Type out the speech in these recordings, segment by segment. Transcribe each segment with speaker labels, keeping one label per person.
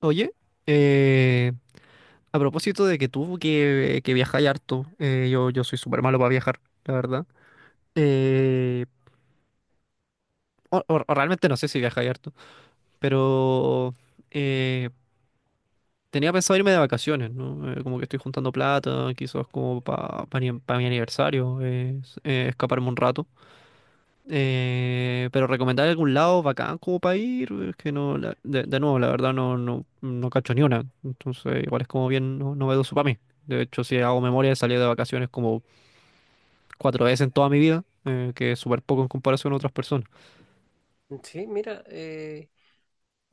Speaker 1: Oye, eh, a propósito de que tú que viajáis harto, yo soy súper malo para viajar, la verdad. Eh, o realmente no sé si viajáis harto, pero eh, tenía pensado irme de vacaciones, ¿no? Como que estoy juntando plata, quizás como para pa mi aniversario, escaparme un rato. Pero recomendar algún lado bacán como para ir, es que no, de nuevo, la verdad no cacho ni una. Entonces, igual es como bien novedoso para mí. De hecho, si hago memoria, he salido de vacaciones como 4 veces en toda mi vida, que es súper poco en comparación a otras personas.
Speaker 2: Mm. Sí, mira, eh,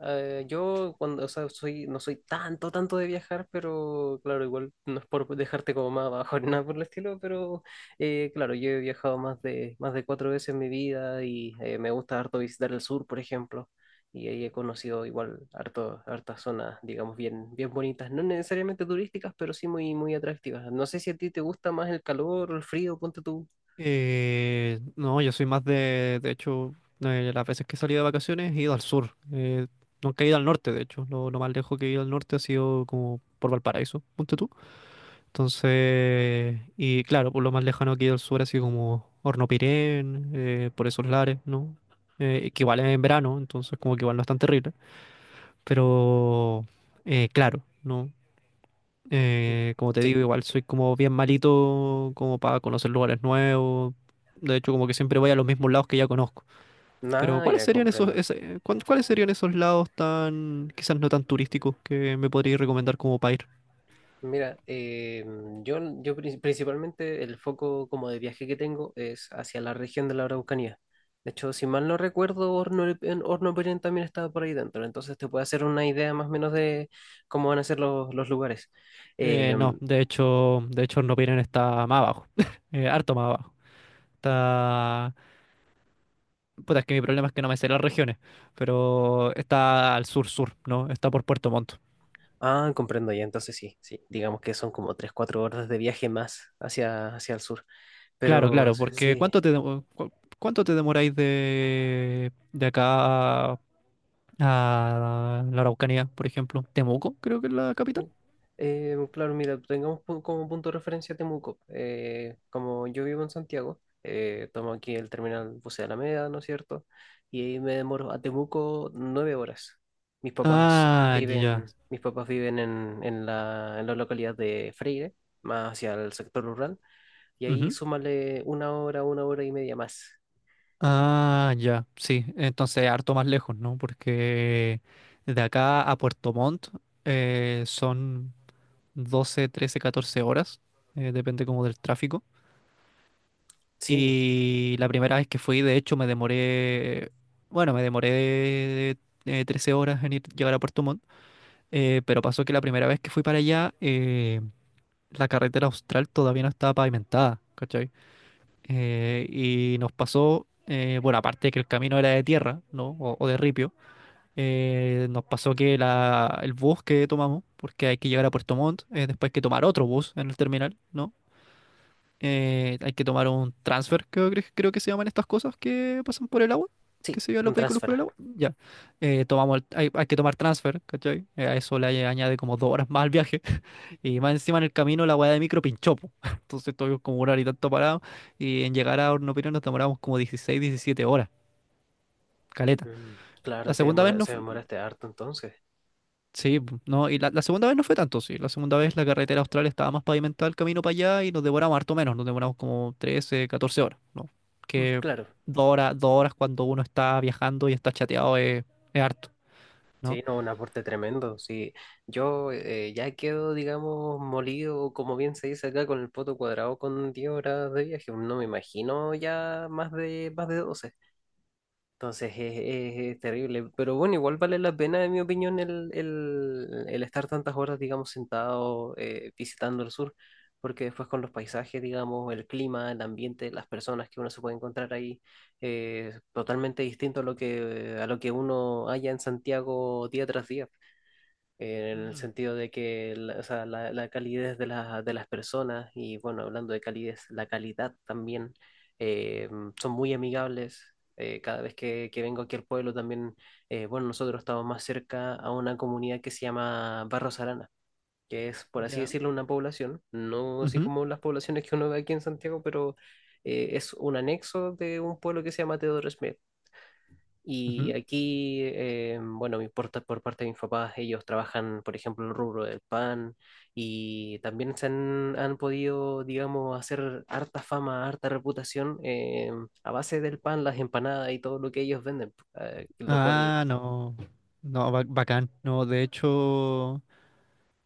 Speaker 2: eh, yo cuando, o sea, soy, no soy tanto, tanto de viajar, pero claro, igual no es por dejarte como más abajo ni nada por el estilo, pero claro, yo he viajado más de cuatro veces en mi vida y me gusta harto visitar el sur, por ejemplo, y ahí he conocido igual harto, hartas zonas, digamos, bien, bien bonitas, no necesariamente turísticas, pero sí muy, muy atractivas. No sé si a ti te gusta más el calor o el frío, ponte tú.
Speaker 1: No, yo soy más de hecho, de las veces que he salido de vacaciones he ido al sur. Nunca he ido al norte, de hecho. Lo más lejos que he ido al norte ha sido como por Valparaíso. Punto Entonces, y claro, por lo más lejano aquí del sur, así como Hornopirén, por esos lares, ¿no? Que igual es en verano, entonces como que igual no es tan terrible. Pero, claro, ¿no? Como te digo,
Speaker 2: Sí,
Speaker 1: igual soy como bien malito como para conocer lugares nuevos. De hecho, como que siempre voy a los mismos lados que ya conozco. Pero,
Speaker 2: nada,
Speaker 1: ¿cuáles
Speaker 2: ya
Speaker 1: serían
Speaker 2: comprendo.
Speaker 1: cuáles serían esos lados tan, quizás no tan turísticos que me podrías recomendar como para ir?
Speaker 2: Mira, yo principalmente el foco como de viaje que tengo es hacia la región de la Araucanía. De hecho, si mal no recuerdo, Horno Pirén también estaba por ahí dentro, entonces te puede hacer una idea más o menos de cómo van a ser los lugares. Eh,
Speaker 1: No, de hecho Nopiren está más abajo, harto más abajo. Está... Puta, es que mi problema es que no me sé las regiones, pero está al sur-sur, ¿no? Está por Puerto Montt.
Speaker 2: ah, comprendo ya, entonces sí, sí, digamos que son como tres cuatro horas de viaje más hacia, hacia el sur,
Speaker 1: Claro,
Speaker 2: pero
Speaker 1: claro, porque
Speaker 2: sí.
Speaker 1: ¿cuánto te demoráis de acá a la Araucanía, por ejemplo? Temuco, creo que es la capital.
Speaker 2: Claro, mira, tengamos como punto de referencia Temuco. Como yo vivo en Santiago, tomo aquí el terminal Bus de Alameda, ¿no es cierto? Y ahí me demoro a Temuco 9 horas. Mis papás
Speaker 1: Ah, ya.
Speaker 2: viven, mis papás viven en la localidad de Freire, más hacia el sector rural, y ahí súmale una hora y media más.
Speaker 1: Ah, ya, sí, entonces harto más lejos, ¿no? Porque de acá a Puerto Montt son 12, 13, 14 horas, depende como del tráfico.
Speaker 2: Sí,
Speaker 1: Y la primera vez que fui, de hecho, me demoré 13 horas en llegar a Puerto Montt, pero pasó que la primera vez que fui para allá, la carretera austral todavía no estaba pavimentada, ¿cachai? Y nos pasó, bueno, aparte de que el camino era de tierra, ¿no? O de ripio, nos pasó que el bus que tomamos, porque hay que llegar a Puerto Montt, después hay que tomar otro bus en el terminal, ¿no? Hay que tomar un transfer, creo, creo que se llaman estas cosas que pasan por el agua, que
Speaker 2: sí,
Speaker 1: se llevan los
Speaker 2: un
Speaker 1: vehículos por
Speaker 2: transfer.
Speaker 1: el agua. Ya. Hay, hay que tomar transfer, ¿cachai? A eso le añade como 2 horas más al viaje. Y más encima en el camino la weá de micro pinchó, po. Entonces estuvimos como una hora y tanto parado. Y en llegar a Hornopirón nos demoramos como 16, 17 horas. Caleta.
Speaker 2: Mm,
Speaker 1: La
Speaker 2: claro,
Speaker 1: segunda vez no.
Speaker 2: se demoraste harto entonces.
Speaker 1: No, y la segunda vez no fue tanto, sí. La segunda vez la carretera austral estaba más pavimentada el camino para allá y nos demoramos harto menos, nos demoramos como 13, 14 horas, ¿no?
Speaker 2: Mm.
Speaker 1: Que
Speaker 2: Claro,
Speaker 1: dos horas cuando uno está viajando y está chateado es harto, ¿no?
Speaker 2: sí, no, un aporte tremendo. Sí, yo ya quedo, digamos, molido, como bien se dice acá, con el poto cuadrado con 10 horas de viaje. No me imagino ya más de 12. Entonces es terrible. Pero bueno, igual vale la pena, en mi opinión, el estar tantas horas, digamos, sentado visitando el sur. Porque después con los paisajes, digamos, el clima, el ambiente, las personas que uno se puede encontrar ahí totalmente distinto a lo que, uno halla en Santiago día tras día en el
Speaker 1: Mm,
Speaker 2: sentido de que la, o sea, la calidez de, de las personas y bueno, hablando de calidez, la calidad también, eh, son muy amigables. Cada vez que vengo aquí al pueblo también, bueno, nosotros estamos más cerca a una comunidad que se llama Barros Arana, que es, por así
Speaker 1: ya.
Speaker 2: decirlo, una población, no así
Speaker 1: Ujú,
Speaker 2: como las poblaciones que uno ve aquí en Santiago, pero es un anexo de un pueblo que se llama Teodoro Smith. Y
Speaker 1: ujú.
Speaker 2: aquí, bueno, por parte de mis papás, ellos trabajan, por ejemplo, en el rubro del pan y también se han podido, digamos, hacer harta fama, harta reputación a base del pan, las empanadas y todo lo que ellos venden, lo cual...
Speaker 1: Ah, no. No, ba- bacán. No, de hecho.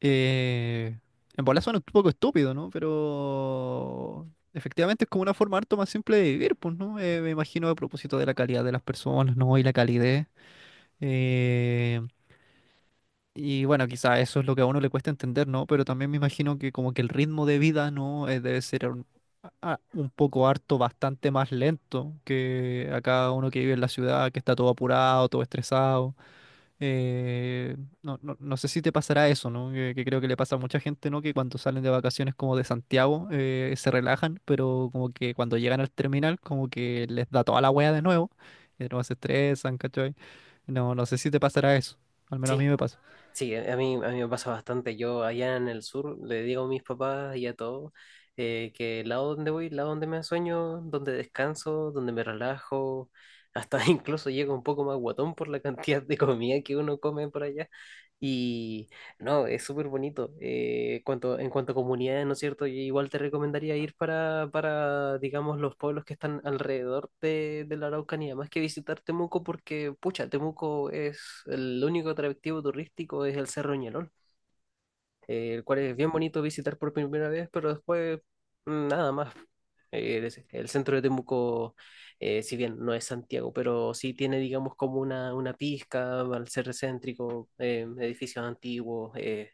Speaker 1: Eh, en bola suena un poco estúpido, ¿no? Pero efectivamente es como una forma harto más simple de vivir, pues, ¿no? Me imagino a propósito de la calidad de las personas, ¿no? Y la calidez. eh, y bueno, quizá eso es lo que a uno le cuesta entender, ¿no? Pero también me imagino que como que el ritmo de vida, ¿no? Debe ser un poco harto, bastante más lento que acá uno que vive en la ciudad, que está todo apurado, todo estresado. No sé si te pasará eso, ¿no? Que creo que le pasa a mucha gente, ¿no? Que cuando salen de vacaciones como de Santiago, se relajan, pero como que cuando llegan al terminal, como que les da toda la wea de nuevo, y de nuevo se estresan, ¿cachai? No, no sé si te pasará eso, al menos a
Speaker 2: Sí,
Speaker 1: mí me pasa.
Speaker 2: sí, a mí me pasa bastante. Yo allá en el sur le digo a mis papás y a todos que el lado donde voy, el lado donde me sueño, donde descanso, donde me relajo, hasta incluso llego un poco más guatón por la cantidad de comida que uno come por allá. Y no, es súper bonito. En cuanto a comunidades, ¿no es cierto? Yo igual te recomendaría ir para, digamos, los pueblos que están alrededor de la Araucanía, más que visitar Temuco, porque, pucha, Temuco es el único atractivo turístico, es el Cerro Ñelol, el cual es bien bonito visitar por primera vez, pero después nada más. El centro de Temuco, si bien no es Santiago, pero sí tiene, digamos, como una, pizca al ser céntrico, edificios antiguos,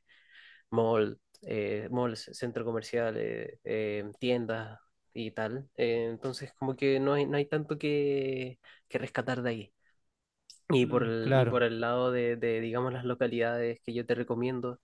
Speaker 2: mall, malls, centro comercial, tiendas y tal. Entonces, como que no hay tanto que rescatar de ahí. Y por
Speaker 1: Mm,
Speaker 2: el, y
Speaker 1: claro,
Speaker 2: por el lado de, digamos, las localidades que yo te recomiendo,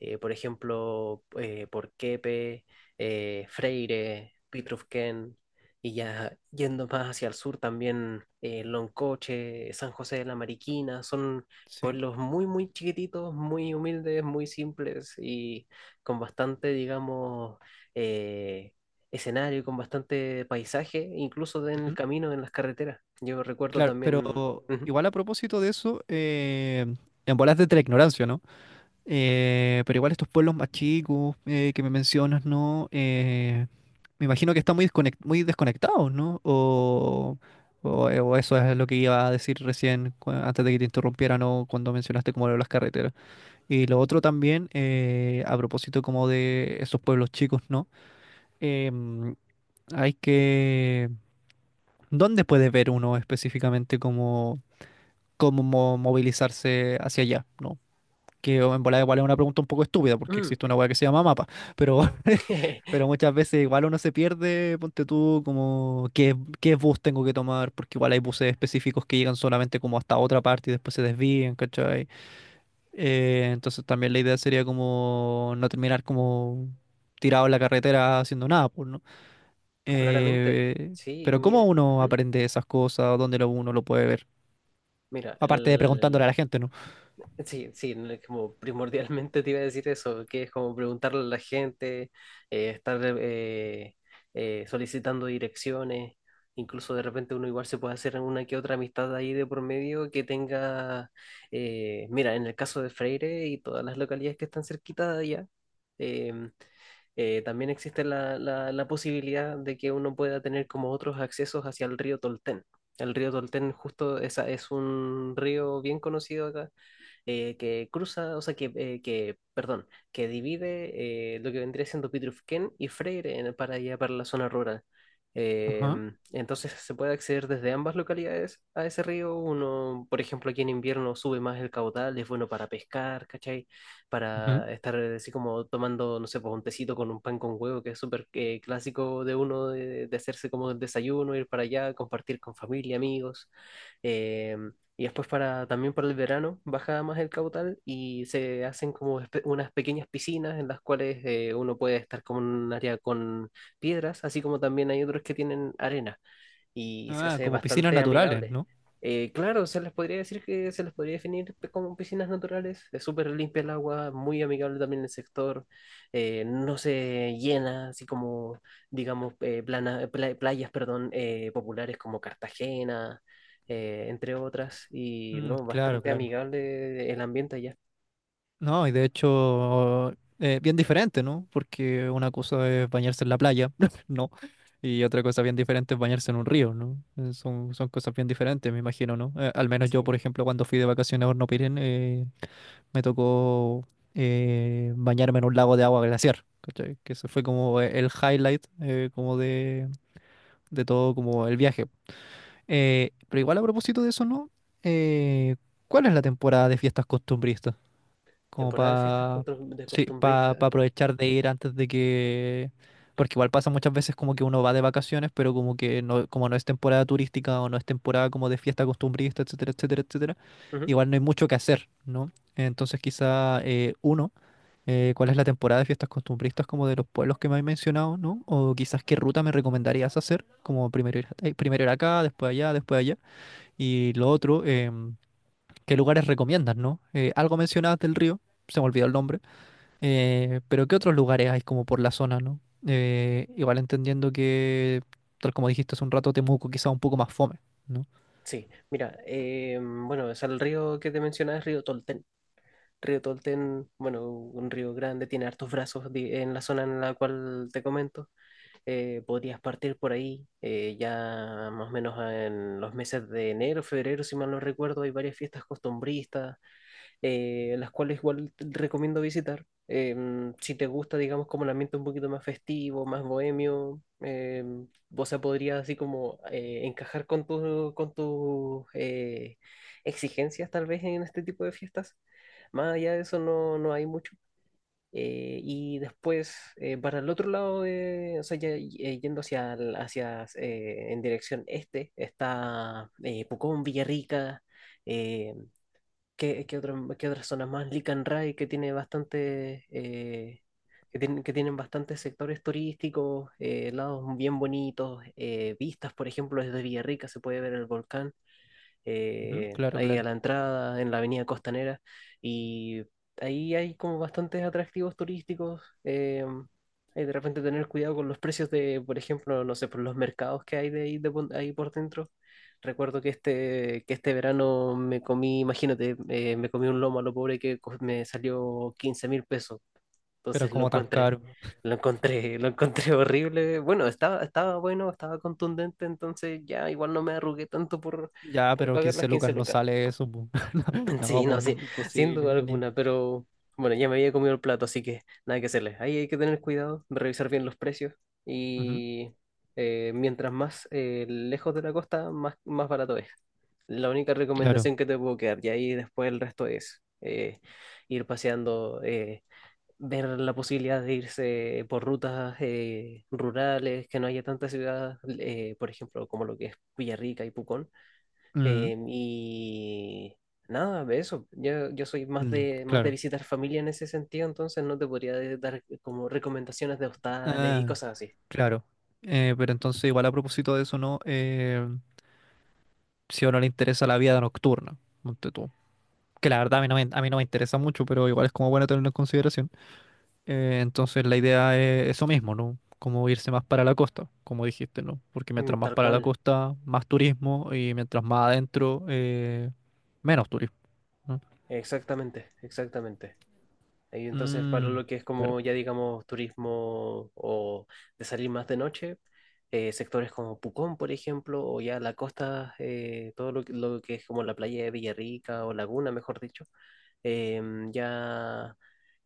Speaker 2: por ejemplo, Porquepe, Freire, Pitrufquén, y ya yendo más hacia el sur también, Loncoche, San José de la Mariquina, son
Speaker 1: sí.
Speaker 2: pueblos muy, muy chiquititos, muy humildes, muy simples y con bastante, digamos, eh, escenario, con bastante paisaje, incluso en el
Speaker 1: Ujú.
Speaker 2: camino, en las carreteras. Yo recuerdo
Speaker 1: Claro, pero
Speaker 2: también. Ujú.
Speaker 1: igual a propósito de eso, en bolas de la ignorancia, ¿no? Pero igual estos pueblos más chicos que me mencionas, ¿no? Me imagino que están muy desconectados, ¿no? O eso es lo que iba a decir antes de que te interrumpiera, ¿no? Cuando mencionaste como lo de las carreteras. Y lo otro también, a propósito como de esos pueblos chicos, ¿no? Em, Hay que... ¿Dónde puede ver uno específicamente movilizarse hacia allá, ¿no? Que o en volada igual es una pregunta un poco estúpida porque
Speaker 2: Mm.
Speaker 1: existe una weá que se llama mapa, pero, pero muchas veces igual uno se pierde, ponte tú como qué bus tengo que tomar, porque igual hay buses específicos que llegan solamente como hasta otra parte y después se desvían, ¿cachai? Entonces también la idea sería como no terminar como tirado en la carretera haciendo nada, pues, ¿no?
Speaker 2: Claramente,
Speaker 1: Eh,
Speaker 2: sí,
Speaker 1: pero ¿cómo
Speaker 2: mire,
Speaker 1: uno
Speaker 2: ujú.
Speaker 1: aprende esas cosas? ¿Dónde uno lo puede ver?
Speaker 2: Mira,
Speaker 1: Aparte de preguntándole a la gente, ¿no?
Speaker 2: sí, sí, no es como primordialmente te iba a decir eso, que es como preguntarle a la gente, estar solicitando direcciones, incluso de repente uno igual se puede hacer una que otra amistad ahí de por medio que tenga, mira, en el caso de Freire y todas las localidades que están cerquita de allá, em, también existe la, la posibilidad de que uno pueda tener como otros accesos hacia el río Tolten. El río Tolten justo esa, es un río bien conocido acá que cruza, o sea, perdón, que divide lo que vendría siendo Pitrufquén y Freire para allá, para la zona rural.
Speaker 1: Ajá,
Speaker 2: Entonces se puede acceder desde ambas localidades a ese río. Uno, por ejemplo, aquí en invierno sube más el caudal, es bueno para pescar, ¿cachai?
Speaker 1: ajá.
Speaker 2: Para estar así como tomando, no sé, pues un tecito con un pan con huevo, que es súper clásico de uno, de hacerse como el desayuno, ir para allá, compartir con familia, amigos. Em, y después también para el verano baja más el caudal y se hacen como unas pequeñas piscinas en las cuales uno puede estar como en un área con piedras, así como también hay otros que tienen arena y se
Speaker 1: Ah,
Speaker 2: hace
Speaker 1: como piscinas
Speaker 2: bastante
Speaker 1: naturales,
Speaker 2: amigable.
Speaker 1: ¿no?
Speaker 2: Claro, se les podría decir que se les podría definir como piscinas naturales. Es súper limpia el agua, muy amigable también el sector. No se llena, así como, digamos, playas, perdón, populares como Cartagena, entre otras. Y
Speaker 1: Mm,
Speaker 2: no,
Speaker 1: claro,
Speaker 2: bastante
Speaker 1: claro.
Speaker 2: amigable el ambiente allá.
Speaker 1: No, y de hecho, bien diferente, ¿no? Porque una cosa es bañarse en la playa, ¿no? Y otra cosa bien diferente es bañarse en un río, ¿no? Son, son cosas bien diferentes, me imagino, ¿no? Al menos yo,
Speaker 2: Sí.
Speaker 1: por ejemplo, cuando fui de vacaciones a Horno eh, me tocó bañarme en un lago de agua glaciar, ¿cachai? Que eso fue como el highlight, como de todo, como el viaje. Pero igual a propósito de eso, ¿no? Eh, ¿Cuál es la temporada de fiestas costumbristas? Como
Speaker 2: Temporada de fiestas
Speaker 1: para
Speaker 2: contro- de
Speaker 1: sí, para
Speaker 2: costumbrita.
Speaker 1: aprovechar de ir antes de que. Porque igual pasa muchas veces como que uno va de vacaciones, pero como que no, como no es temporada turística o no es temporada como de fiesta costumbrista, etcétera, etcétera, etcétera,
Speaker 2: Ujú.
Speaker 1: igual no hay mucho que hacer, ¿no? Entonces ¿cuál es la temporada de fiestas costumbristas como de los pueblos que me has mencionado, ¿no? O quizás qué ruta me recomendarías hacer, como primero ir acá, después allá, después allá. Y lo otro, ¿qué lugares recomiendas, no? Algo mencionabas del río, se me olvidó el nombre, pero ¿qué otros lugares hay como por la zona, no? Igual entendiendo que, tal como dijiste hace un rato, Temuco quizá un poco más fome, ¿no?
Speaker 2: Sí, mira, bueno, es el río que te mencionaba, es río Tolten. Río Tolten, bueno, un río grande, tiene hartos brazos en la zona en la cual te comento. Podrías partir por ahí, ya más o menos en los meses de enero, febrero, si mal no recuerdo, hay varias fiestas costumbristas las cuales igual te recomiendo visitar. Si te gusta, digamos, como el ambiente un poquito más festivo, más bohemio, o sea, podría así como encajar con con tus exigencias tal vez en este tipo de fiestas. Más allá de eso no hay mucho. Y después, para el otro lado, de, o sea, ya yendo hacia, hacia en dirección este, está Pucón, Villarrica. em, ¿Qué otras zonas más? Lican Rai, que tiene bastante, que tienen bastantes sectores turísticos, lados bien bonitos, vistas, por ejemplo, desde Villarrica se puede ver el volcán
Speaker 1: Ujú, claro,
Speaker 2: ahí a
Speaker 1: claro.
Speaker 2: la entrada, en la avenida Costanera, y ahí hay como bastantes atractivos turísticos. Hay de repente tener cuidado con los precios de, por ejemplo, no sé, por los mercados que hay de ahí, ahí por dentro. Recuerdo que este, verano me comí, imagínate, me comí un lomo a lo pobre me salió 15.000 pesos.
Speaker 1: Pero
Speaker 2: Entonces lo
Speaker 1: como tan
Speaker 2: encontré,
Speaker 1: caro.
Speaker 2: lo encontré, lo encontré horrible. Bueno, estaba bueno, estaba contundente, entonces ya igual no me arrugué tanto por,
Speaker 1: Ya,
Speaker 2: por
Speaker 1: pero
Speaker 2: pagar
Speaker 1: 15
Speaker 2: las
Speaker 1: lucas
Speaker 2: 15
Speaker 1: no
Speaker 2: lucas.
Speaker 1: sale eso, po. No,
Speaker 2: Sí, no,
Speaker 1: pues
Speaker 2: sí, sin duda
Speaker 1: imposible. Ni.
Speaker 2: alguna, pero bueno, ya me había comido el plato, así que nada que hacerle. Ahí hay que tener cuidado, revisar bien los precios
Speaker 1: Ujú.
Speaker 2: y mientras más lejos de la costa, más barato es. La única
Speaker 1: Claro.
Speaker 2: recomendación que te puedo quedar, y ahí después el resto es ir paseando. Ver la posibilidad de irse por rutas rurales, que no haya tantas ciudades, por ejemplo, como lo que es Villarrica y Pucón.
Speaker 1: Mm,
Speaker 2: Y nada, de eso. Yo soy más
Speaker 1: mm,
Speaker 2: de, más de
Speaker 1: claro.
Speaker 2: visitar familia en ese sentido, entonces no te podría dar como recomendaciones de hostales y
Speaker 1: Ah,
Speaker 2: cosas así.
Speaker 1: claro. Pero entonces, igual a propósito de eso, ¿no? Si a uno le interesa la vida nocturna, monte tú. Que la verdad a mí no me interesa mucho, pero igual es como bueno tenerlo en consideración. Entonces la idea es eso mismo, ¿no? Como irse más para la costa, como dijiste, ¿no? Porque
Speaker 2: Mm.
Speaker 1: mientras más
Speaker 2: Tal
Speaker 1: para la
Speaker 2: cual,
Speaker 1: costa, más turismo y mientras más adentro, menos turismo, ¿no?
Speaker 2: exactamente, exactamente. Y entonces, para
Speaker 1: Mm,
Speaker 2: lo que es
Speaker 1: claro.
Speaker 2: como ya digamos turismo o de salir más de noche, sectores como Pucón, por ejemplo, o ya la costa, todo lo que es como la playa de Villarrica o Laguna, mejor dicho, ya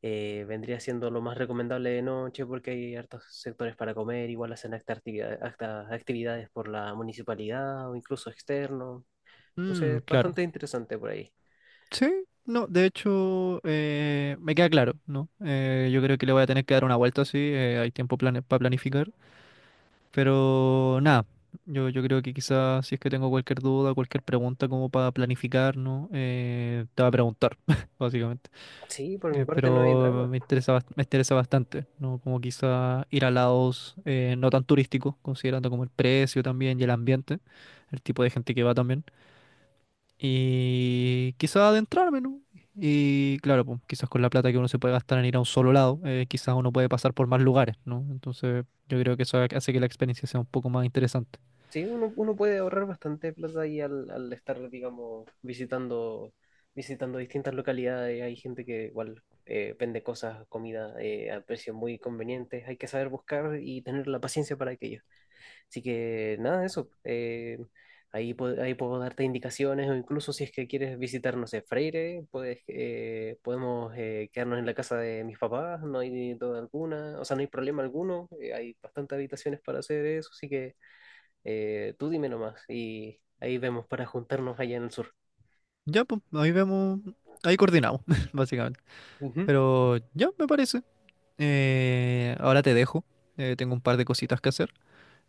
Speaker 2: vendría siendo lo más recomendable de noche porque hay hartos sectores para comer, igual hacen hasta hasta actividades por la municipalidad o incluso externo.
Speaker 1: Mm,
Speaker 2: Entonces,
Speaker 1: claro.
Speaker 2: bastante interesante por ahí.
Speaker 1: Sí, no, de hecho, me queda claro, ¿no? Yo creo que le voy a tener que dar una vuelta, sí, hay tiempo para planificar. Pero nada, yo creo que quizás si es que tengo cualquier duda, cualquier pregunta como para planificarnos, te va a preguntar, básicamente.
Speaker 2: Sí, por mi parte no hay
Speaker 1: Pero
Speaker 2: drama.
Speaker 1: me interesa, me interesa bastante, ¿no? Como quizás ir a lados no tan turísticos, considerando como el precio también y el ambiente, el tipo de gente que va también. Y quizás adentrarme, ¿no? Y claro, pues quizás con la plata que uno se puede gastar en ir a un solo lado, quizás uno puede pasar por más lugares, ¿no? Entonces yo creo que eso hace que la experiencia sea un poco más interesante.
Speaker 2: Sí, uno puede ahorrar bastante plata ahí al estar, digamos, visitando, distintas localidades. Hay gente que igual vende cosas, comida a precios muy convenientes. Hay que saber buscar y tener la paciencia para aquello. Así que nada, eso. Ahí puedo darte indicaciones o incluso si es que quieres visitar, no sé, Freire, puedes, podemos quedarnos en la casa de mis papás. No hay duda alguna, o sea, no hay problema alguno. Hay bastantes habitaciones para hacer eso, así que... Tú dime nomás y ahí vemos para juntarnos allá en el sur.
Speaker 1: Ya, pues, ahí vemos, ahí coordinamos, básicamente.
Speaker 2: Ujú.
Speaker 1: Pero ya, me parece. Ahora te dejo. Tengo un par de cositas que hacer.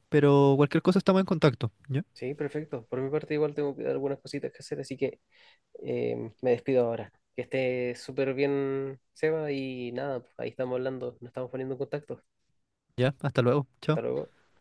Speaker 1: Pero cualquier cosa estamos en contacto. Ya,
Speaker 2: Sí, perfecto. Por mi parte igual tengo algunas cositas que hacer, así que me despido ahora. Que esté súper bien, Seba, y nada, pues, ahí estamos hablando, nos estamos poniendo en contacto.
Speaker 1: ya, hasta luego.
Speaker 2: Hasta
Speaker 1: Chao.
Speaker 2: luego.